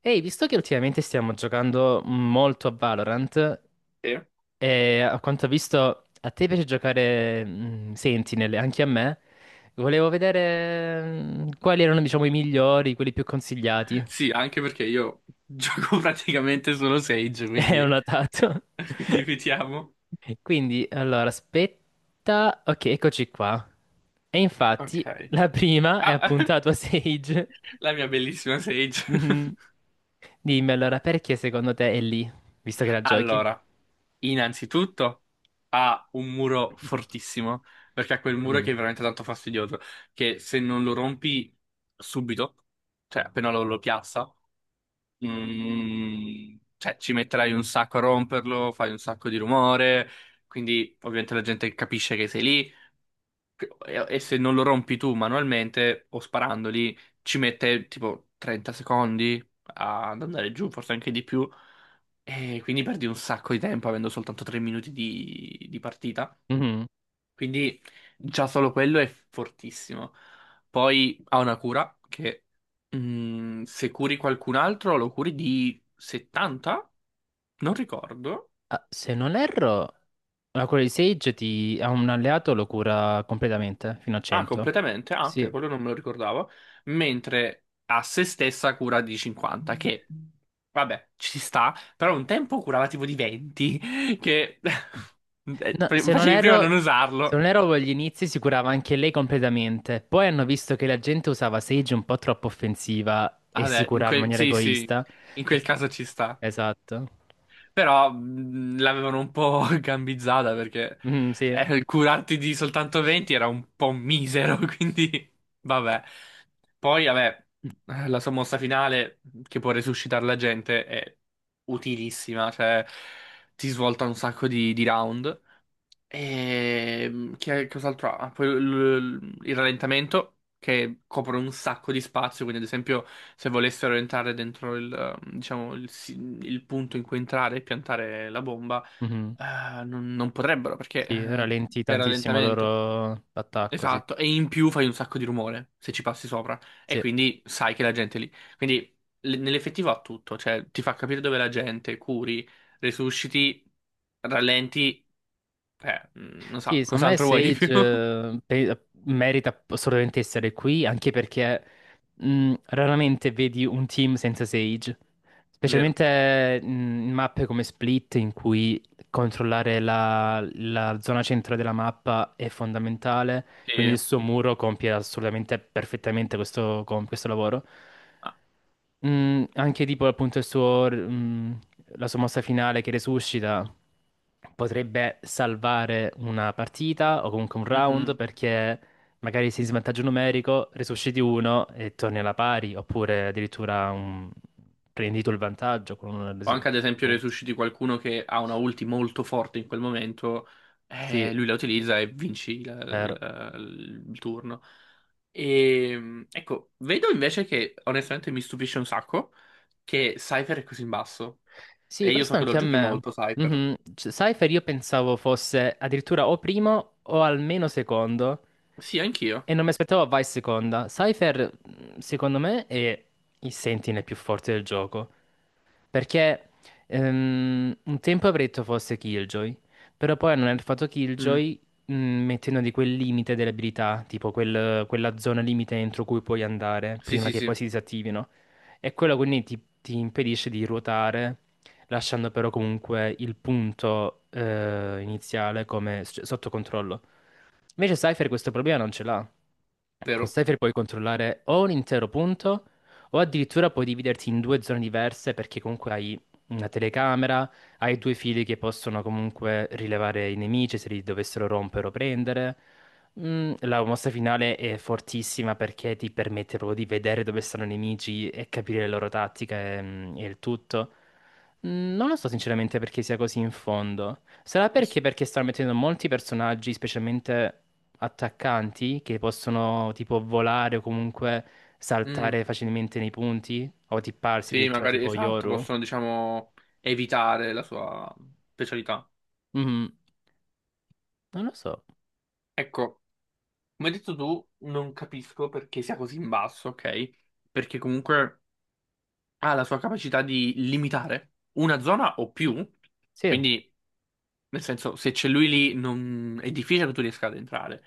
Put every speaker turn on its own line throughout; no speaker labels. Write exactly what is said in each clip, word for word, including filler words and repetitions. Ehi, visto che ultimamente stiamo giocando molto a Valorant,
Eh,
e a quanto ho visto a te piace giocare mm, Sentinel, e anche a me, volevo vedere mm, quali erano, diciamo, i migliori, quelli più consigliati.
Sì, anche perché io gioco praticamente solo Sage,
E ho
quindi,
notato.
quindi vediamo.
Quindi, allora, aspetta. Ok, eccoci qua. E infatti,
Ok.
la prima è
Ah,
appunto la tua Sage.
la mia bellissima Sage.
Mhm. Dimmi allora, perché secondo te è lì, visto che la giochi?
Allora, innanzitutto ha un muro fortissimo, perché ha quel muro
Mm.
che è veramente tanto fastidioso, che se non lo rompi subito, cioè appena lo, lo piazza, mm, cioè ci metterai un sacco a romperlo, fai un sacco di rumore, quindi ovviamente la gente capisce che sei lì. E, e se non lo rompi tu manualmente o sparandoli, ci mette tipo trenta secondi ad andare giù, forse anche di più. E quindi perdi un sacco di tempo avendo soltanto tre minuti di, di partita.
Mhm.
Quindi già solo quello è fortissimo. Poi ha una cura che mm, se curi qualcun altro lo curi di settanta? Non ricordo.
Ah, se non erro, la cura di Sage ti, a un alleato lo cura completamente, fino a
Ah,
cento.
completamente? Ah, ok,
Sì.
quello non me lo ricordavo. Mentre a se stessa cura di cinquanta, che vabbè, ci sta, però un tempo curava tipo di venti, che eh,
No, se non
facevi prima a non
erro, se
usarlo.
non erro agli inizi si curava anche lei completamente. Poi hanno visto che la gente usava Sage un po' troppo offensiva e si
Vabbè, in
curava in
quel...
maniera
sì, sì,
egoista.
in
E-
quel caso ci sta.
Esatto.
Però mh, l'avevano un po' gambizzata perché
Mhm, sì.
eh, curarti di soltanto venti era un po' misero, quindi vabbè. Poi, vabbè, eh, la sommossa finale mhmm, che può resuscitare la gente è utilissima, cioè ti svolta un sacco di, di round. E che cos'altro ha? Poi l- l- il rallentamento che copre un sacco di spazio, quindi ad esempio se volessero entrare dentro il, eh, diciamo, il, si- il punto in cui entrare e piantare la bomba,
Mhm.
eh, non, non potrebbero perché
Sì,
eh,
rallentì
è
tantissimo il
rallentamento.
loro attacco, sì.
Esatto, e in più fai un sacco di rumore se ci passi sopra e
Sì.
quindi sai che la gente è lì. Quindi l- nell'effettivo ha tutto, cioè ti fa capire dove è la gente, curi, resusciti, rallenti eh, mm, non so,
Sì, secondo me
cos'altro vuoi di
Sage
più?
eh, pe- merita assolutamente essere qui, anche perché mh, raramente vedi un team senza Sage,
Vero.
specialmente mh, in mappe come Split, in cui controllare la, la zona centrale della mappa è fondamentale, quindi
Sì.
il suo muro compie assolutamente perfettamente questo, com- questo lavoro.
Ah,
Mm, anche tipo appunto il suo, mm, la sua mossa finale che resuscita potrebbe salvare una partita o comunque un round
mhm.
perché magari sei in svantaggio numerico, resusciti uno e torni alla pari, oppure addirittura un... prendi tu il vantaggio con una
O
resu-.
anche ad esempio resusciti qualcuno che ha una ulti molto forte in quel momento,
Sì,
eh, lui la utilizza e vinci la-
vero.
la- il turno. E ecco, vedo invece che onestamente mi stupisce un sacco che Cypher è così in basso.
Sì,
E io
questo
so che lo
anche a
giochi
me.
molto, Cypher.
Mhm. C- Cypher io pensavo fosse addirittura o primo o almeno secondo
Sì, anch'io.
e non mi aspettavo vai seconda. Cypher, mh, secondo me, è il Sentinel più forte del gioco. Perché ehm, un tempo avrei detto fosse Killjoy, però poi hanno nerfato
Mm.
Killjoy mh, mettendo di quel limite delle abilità, tipo quel- quella zona limite entro cui puoi andare
Sì,
prima
sì,
che
sì,
poi si disattivino. E quello quindi ti, ti impedisce di ruotare lasciando però comunque il punto eh, iniziale come s- cioè, sotto controllo. Invece Cypher questo problema non ce l'ha. Con
vero.
Cypher puoi controllare o un intero punto o addirittura puoi dividerti in due zone diverse perché comunque hai una telecamera, hai due fili che possono comunque rilevare i nemici se li dovessero rompere o prendere. Mm, la mossa finale è fortissima perché ti permette proprio di vedere dove stanno i nemici e capire le loro tattiche mm, e, il tutto. Mm, Non lo so sinceramente perché sia così in fondo. Sarà perché perché stanno mettendo molti personaggi, specialmente attaccanti che possono tipo volare o comunque
Mm.
saltare facilmente nei punti o tipparsi
Sì,
addirittura
magari
tipo
esatto,
Yoru.
possono, diciamo, evitare la sua specialità.
Mhm. Non lo so.
Ecco, come hai detto tu, non capisco perché sia così in basso, ok? Perché comunque ha la sua capacità di limitare una zona o più,
Sì,
quindi nel senso se c'è lui lì non- è difficile che tu riesca ad entrare.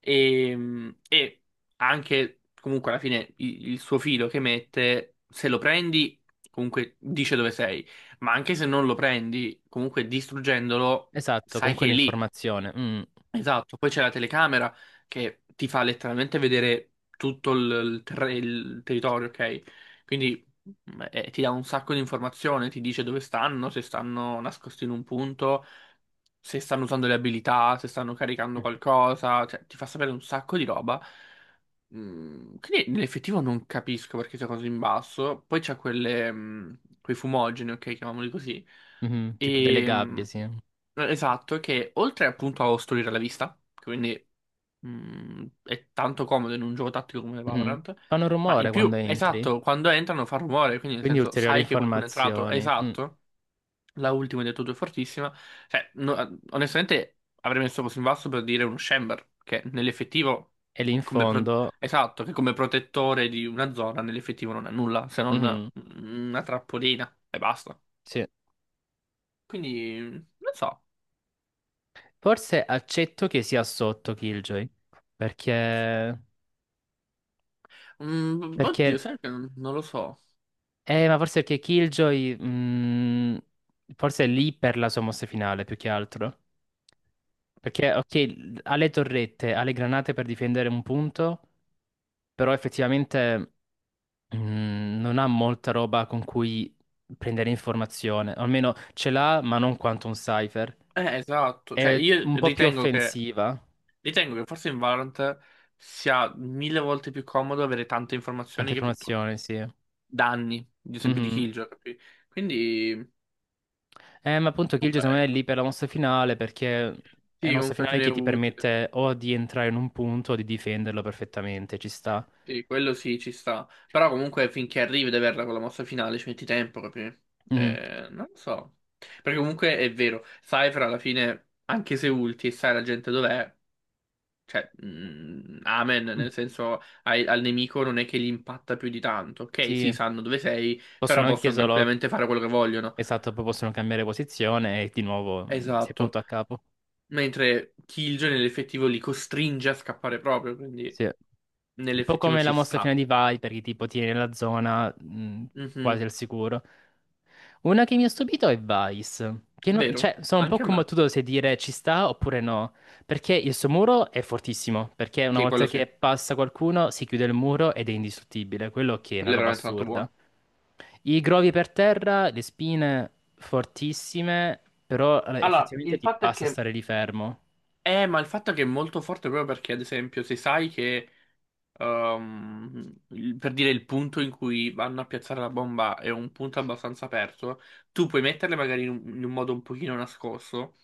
E, e anche comunque alla fine i- il, suo filo che mette, se lo prendi comunque dice dove sei, ma anche se non lo prendi, comunque distruggendolo
esatto, con
sai che è lì.
quell'informazione. Mm.
Esatto, poi c'è la telecamera che ti fa letteralmente vedere tutto il, il terre- il territorio, ok? Quindi mm, eh, ti dà un sacco di informazioni, ti dice dove stanno, se stanno nascosti in un punto, se stanno usando le abilità, se stanno caricando qualcosa, cioè, ti fa sapere un sacco di roba. Mm, quindi nell'effettivo non capisco perché sia così in basso. Poi c'è quelle, mm, quei fumogeni, ok, chiamiamoli così.
Mhm, tipo delle
E,
gabbie, sì.
eh, Esatto, che oltre appunto a ostruire la vista, che quindi mm, è tanto comodo in un gioco tattico come
Mhm.
Valorant,
Fanno
ma in
rumore
più,
quando entri,
esatto, quando entrano fa rumore, quindi nel
quindi
senso
ulteriori
sai che qualcuno è entrato,
informazioni. Mm.
esatto, la ultima hai detto tu è fortissima, cioè no- onestamente avrei messo così in basso per dire uno Chamber, che nell'effettivo,
E lì in
come pro-
fondo.
esatto, che come protettore di una zona nell'effettivo non è nulla, se non
Mhm,
una trappolina e basta.
sì.
Quindi, non so.
Forse accetto che sia sotto Killjoy. perché...
Mm, oddio,
Perché
sai che non, non lo so.
Eh, ma forse perché Killjoy, mm, forse è lì per la sua mossa finale, più che altro. Perché, ok, l- ha le torrette, ha le granate per difendere un punto, però effettivamente, mm, non ha molta roba con cui prendere informazione. O almeno ce l'ha, ma non quanto un Cypher.
Eh, esatto. Cioè,
È
io
un po' più
ritengo che,
offensiva.
ritengo che forse in Valorant sia mille volte più comodo avere tante
Tante
informazioni che piuttosto
informazioni, sì.
danni, ad esempio di
Mhm.
Killjoy, capi? Quindi,
Eh, ma appunto Kill secondo
vabbè,
me è lì per la mossa finale perché è una
sì,
mossa
comunque alla
finale
fine
che
è
ti
utile.
permette o di entrare in un punto o di difenderlo perfettamente, ci sta.
Sì, quello sì, ci sta. Però comunque finché arrivi ad averla con la mossa finale ci metti tempo, capi?
Mhm.
Eh, non lo so. Perché comunque è vero, Cypher alla fine, anche se ulti e sai la gente dov'è, cioè, mm, amen, nel senso ai- al nemico non è che gli impatta più di tanto. Ok,
Sì,
sì, sanno dove sei,
possono
però
anche
possono
solo,
tranquillamente fare quello che vogliono.
esatto, poi possono cambiare posizione e di nuovo mm, si è
Esatto.
punto a capo.
Mentre Killjoy nell'effettivo li costringe a scappare proprio, quindi
Sì. Un po'
nell'effettivo
come la
ci
mossa
sta.
finale di Viper, che tipo tiene la zona mh,
Mhm.
quasi al sicuro. Una che mi ha stupito è Vice. Che non-
Vero,
cioè, sono un po'
anche a me.
combattuto se dire ci sta oppure no. Perché il suo muro è fortissimo. Perché una
Sì,
volta
quello sì,
che passa qualcuno si chiude il muro ed è indistruttibile. Quello che è una
quello è
roba
veramente tanto
assurda.
buono.
I grovi per terra, le spine fortissime, però eh,
Allora,
effettivamente
il
ti
fatto è
basta
che...
stare lì fermo.
Eh, ma il fatto è che è molto forte proprio perché, ad esempio, se sai che ehm, il- per dire il punto in cui vanno a piazzare la bomba è un punto abbastanza aperto, tu puoi metterle magari in un, in un modo un pochino nascosto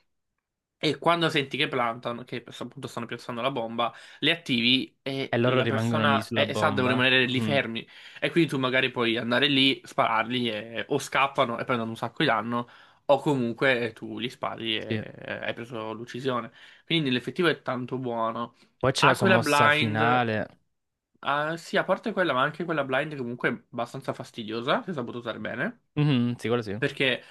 e quando senti che plantano, che per- appunto stanno piazzando la bomba, le attivi
E
e
loro
la
rimangono lì
persona
sulla
e, e sa, devono
bomba.
rimanere lì
Mhm,
fermi e quindi tu magari puoi andare lì, spararli e- o scappano e prendono un sacco di danno. O comunque tu li spari e
sì.
e hai preso l'uccisione. Quindi nell'effettivo è tanto buono.
Poi c'è la sua
Aquila
mossa
Blind.
finale.
Ah, sì, a parte quella, ma anche quella blind comunque è abbastanza fastidiosa, se saputo usare bene,
Mhm, sì, quello sì.
perché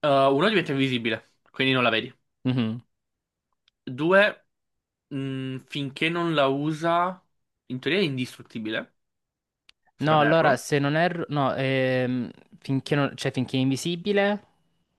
eh, uno diventa invisibile, quindi non la vedi.
Mhm.
Due, mh, finché non la usa, in teoria è indistruttibile, se
No,
non erro.
allora se non erro. No, ehm, finché, non- cioè, finché è invisibile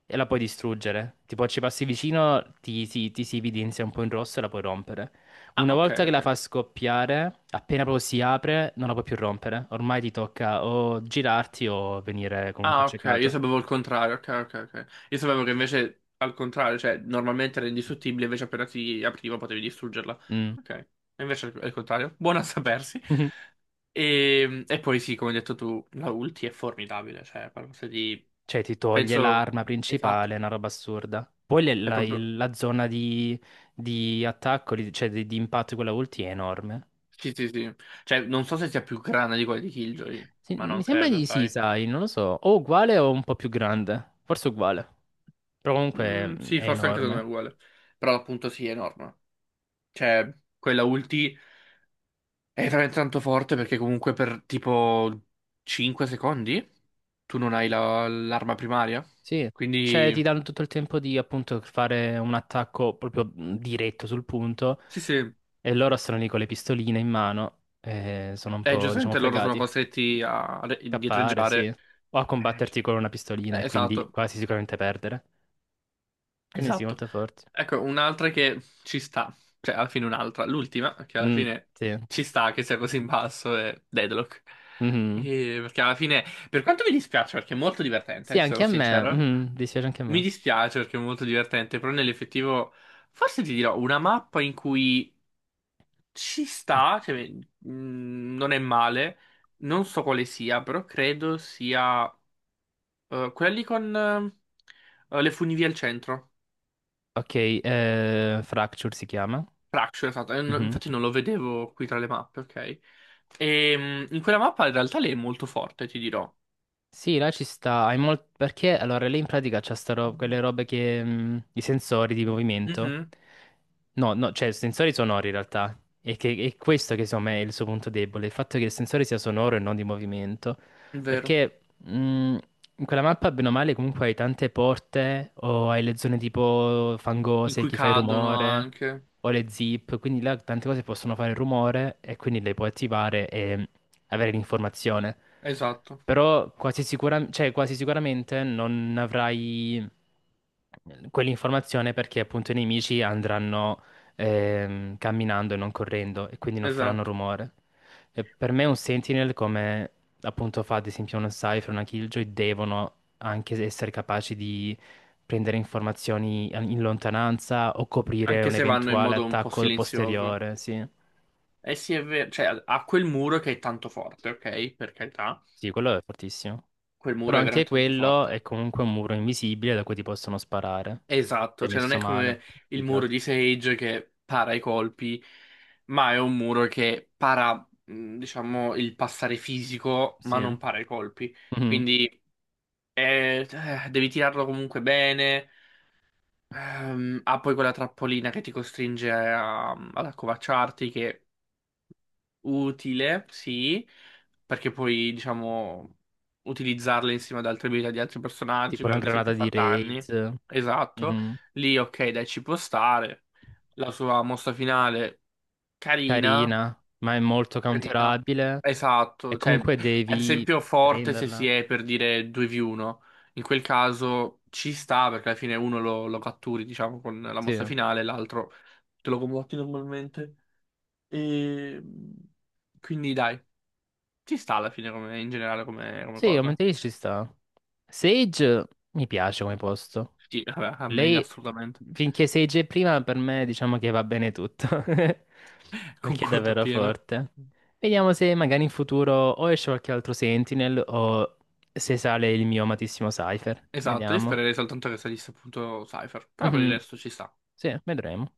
e la puoi distruggere. Tipo, ci passi vicino, ti, ti, ti si evidenzia un po' in rosso e la puoi rompere.
Ah,
Una
ok,
volta che la
ok.
fa scoppiare, appena proprio si apre, non la puoi più rompere. Ormai ti tocca o girarti o venire comunque
Ah, ok, io
accecato.
sapevo il contrario, ok, ok, ok. Io sapevo che invece al contrario, cioè normalmente era indistruttibile, invece appena si apriva potevi distruggerla.
Mm.
Ok, e invece è il contrario. Buono a sapersi. E, e poi sì, come hai detto tu, la ulti è formidabile, cioè è qualcosa di.
Cioè, ti toglie
Penso.
l'arma
Esatto,
principale, è una roba assurda. Poi le-
è
la,
proprio.
il- la zona di, di attacco, di- cioè di, di impatto di quella ulti è enorme.
Sì, sì, sì. Cioè, non so se sia più grande di quella di Killjoy,
Sì,
ma
mi
non
sembra
credo,
di sì,
sai.
sai, non lo so. O uguale o un po' più grande. Forse uguale. Però comunque mh,
Mm, sì,
è
forse anche secondo me è
enorme.
uguale. Però appunto sì, è enorme. Cioè, quella ulti. È veramente tanto forte perché comunque per tipo cinque secondi tu non hai la- l'arma primaria.
Sì. Cioè,
Quindi
ti danno tutto il tempo di appunto fare un attacco proprio mh, diretto sul punto.
sì, sì,
E loro sono lì con le pistoline in mano. E sono un
eh,
po', diciamo,
giustamente loro sono
fregati.
costretti a re-
Scappare, sì.
indietreggiare.
O a
Eh, c-
combatterti con una pistolina e quindi
Esatto,
quasi sicuramente perdere. Quindi sì,
esatto.
molto forte.
Ecco, un'altra che ci sta, cioè alla fine un'altra, l'ultima che alla
Mm,
fine
sì.
ci sta che sia così in basso è Deadlock.
Mhm.
E perché alla fine, per quanto mi dispiace, perché è molto divertente,
Sì,
eh, ti
anche
sarò
a me.
sincero.
Mhm, dispiace anche a
Mi
me.
dispiace perché è molto divertente, però nell'effettivo forse ti dirò una mappa in cui ci sta, cioè, mm, non è male, non so quale sia, però credo sia eh, quella lì con eh, le funivie al centro.
Ok, eh, Fracture si chiama.
Fracture, esatto, Eh, no-
Mhm.
infatti non lo vedevo qui tra le mappe, ok? E, mm, in quella mappa in realtà lei è molto forte, ti dirò.
Sì, là ci sta, hai mol- perché allora lei in pratica c'ha sta ro- quelle robe che mh, i sensori di movimento.
Mhm,
No, no, cioè sensori sonori in realtà. E che è questo che secondo me è il suo punto debole, il fatto che il sensore sia sonoro e non di movimento.
è vero.
Perché mh, in quella mappa, bene o male, comunque hai tante porte o hai le zone tipo
In
fangose,
cui
chi fa il
cadono
rumore,
anche.
o le zip, quindi là tante cose possono fare il rumore e quindi le puoi attivare e avere l'informazione.
Esatto,
Però quasi sicura- cioè, quasi sicuramente non avrai eh, quell'informazione perché appunto i nemici andranno ehm, camminando e non correndo e quindi non faranno
esatto.
rumore. E per me un Sentinel, come appunto fa ad esempio uno Cypher, una Killjoy, devono anche essere capaci di prendere informazioni in lontananza o coprire
Anche
un
se vanno in
eventuale
modo un po'
attacco
silenzioso.
posteriore, sì.
Eh sì, è vero, cioè ha quel muro che è tanto forte, ok? Per carità,
Sì, quello è fortissimo.
quel
Però
muro è
anche
veramente tanto
quello
forte.
è comunque un muro invisibile da cui ti possono sparare. Ti
Esatto,
è
cioè non
messo
è
male,
come
più
il
che
muro
altro.
di Sage che para i colpi, ma è un muro che para, mh, diciamo, il passare fisico, ma
Sì.
non para i colpi.
Mhm.
Quindi eh, eh, devi tirarlo comunque bene. Ehm, ha poi quella trappolina che ti costringe a- ad accovacciarti, che utile, sì, perché puoi, diciamo, utilizzarle insieme ad altre abilità di altri personaggi,
Tipo
per
una
ad
granata
esempio
di
far danni.
raid.
Esatto.
Mhm.
Lì, ok, dai, ci può stare. La sua mossa finale, carina,
Carina, ma è molto
carina.
counterabile. E
Esatto, cioè,
comunque
ad
devi
esempio forte se si
prenderla.
è per dire due vu uno. In quel caso ci sta, perché alla fine uno lo, lo catturi, diciamo, con la
Sì.
mossa finale, l'altro te lo combatti normalmente. E. Quindi dai. Ci sta alla fine come, in generale come, come
Sì,
cosa.
aumenta di ci sta. Sage mi piace come posto.
Sì, vabbè, a me
Lei,
assolutamente.
finché sei gi prima, per me diciamo che va bene tutto, perché è
Concordo
davvero
appieno.
forte. Vediamo se magari in futuro o esce qualche altro Sentinel o se sale il mio amatissimo Cypher.
Esatto, io
Vediamo.
spererei soltanto che salisse appunto Cypher, però per il
Mhm,
resto ci sta.
sì, vedremo.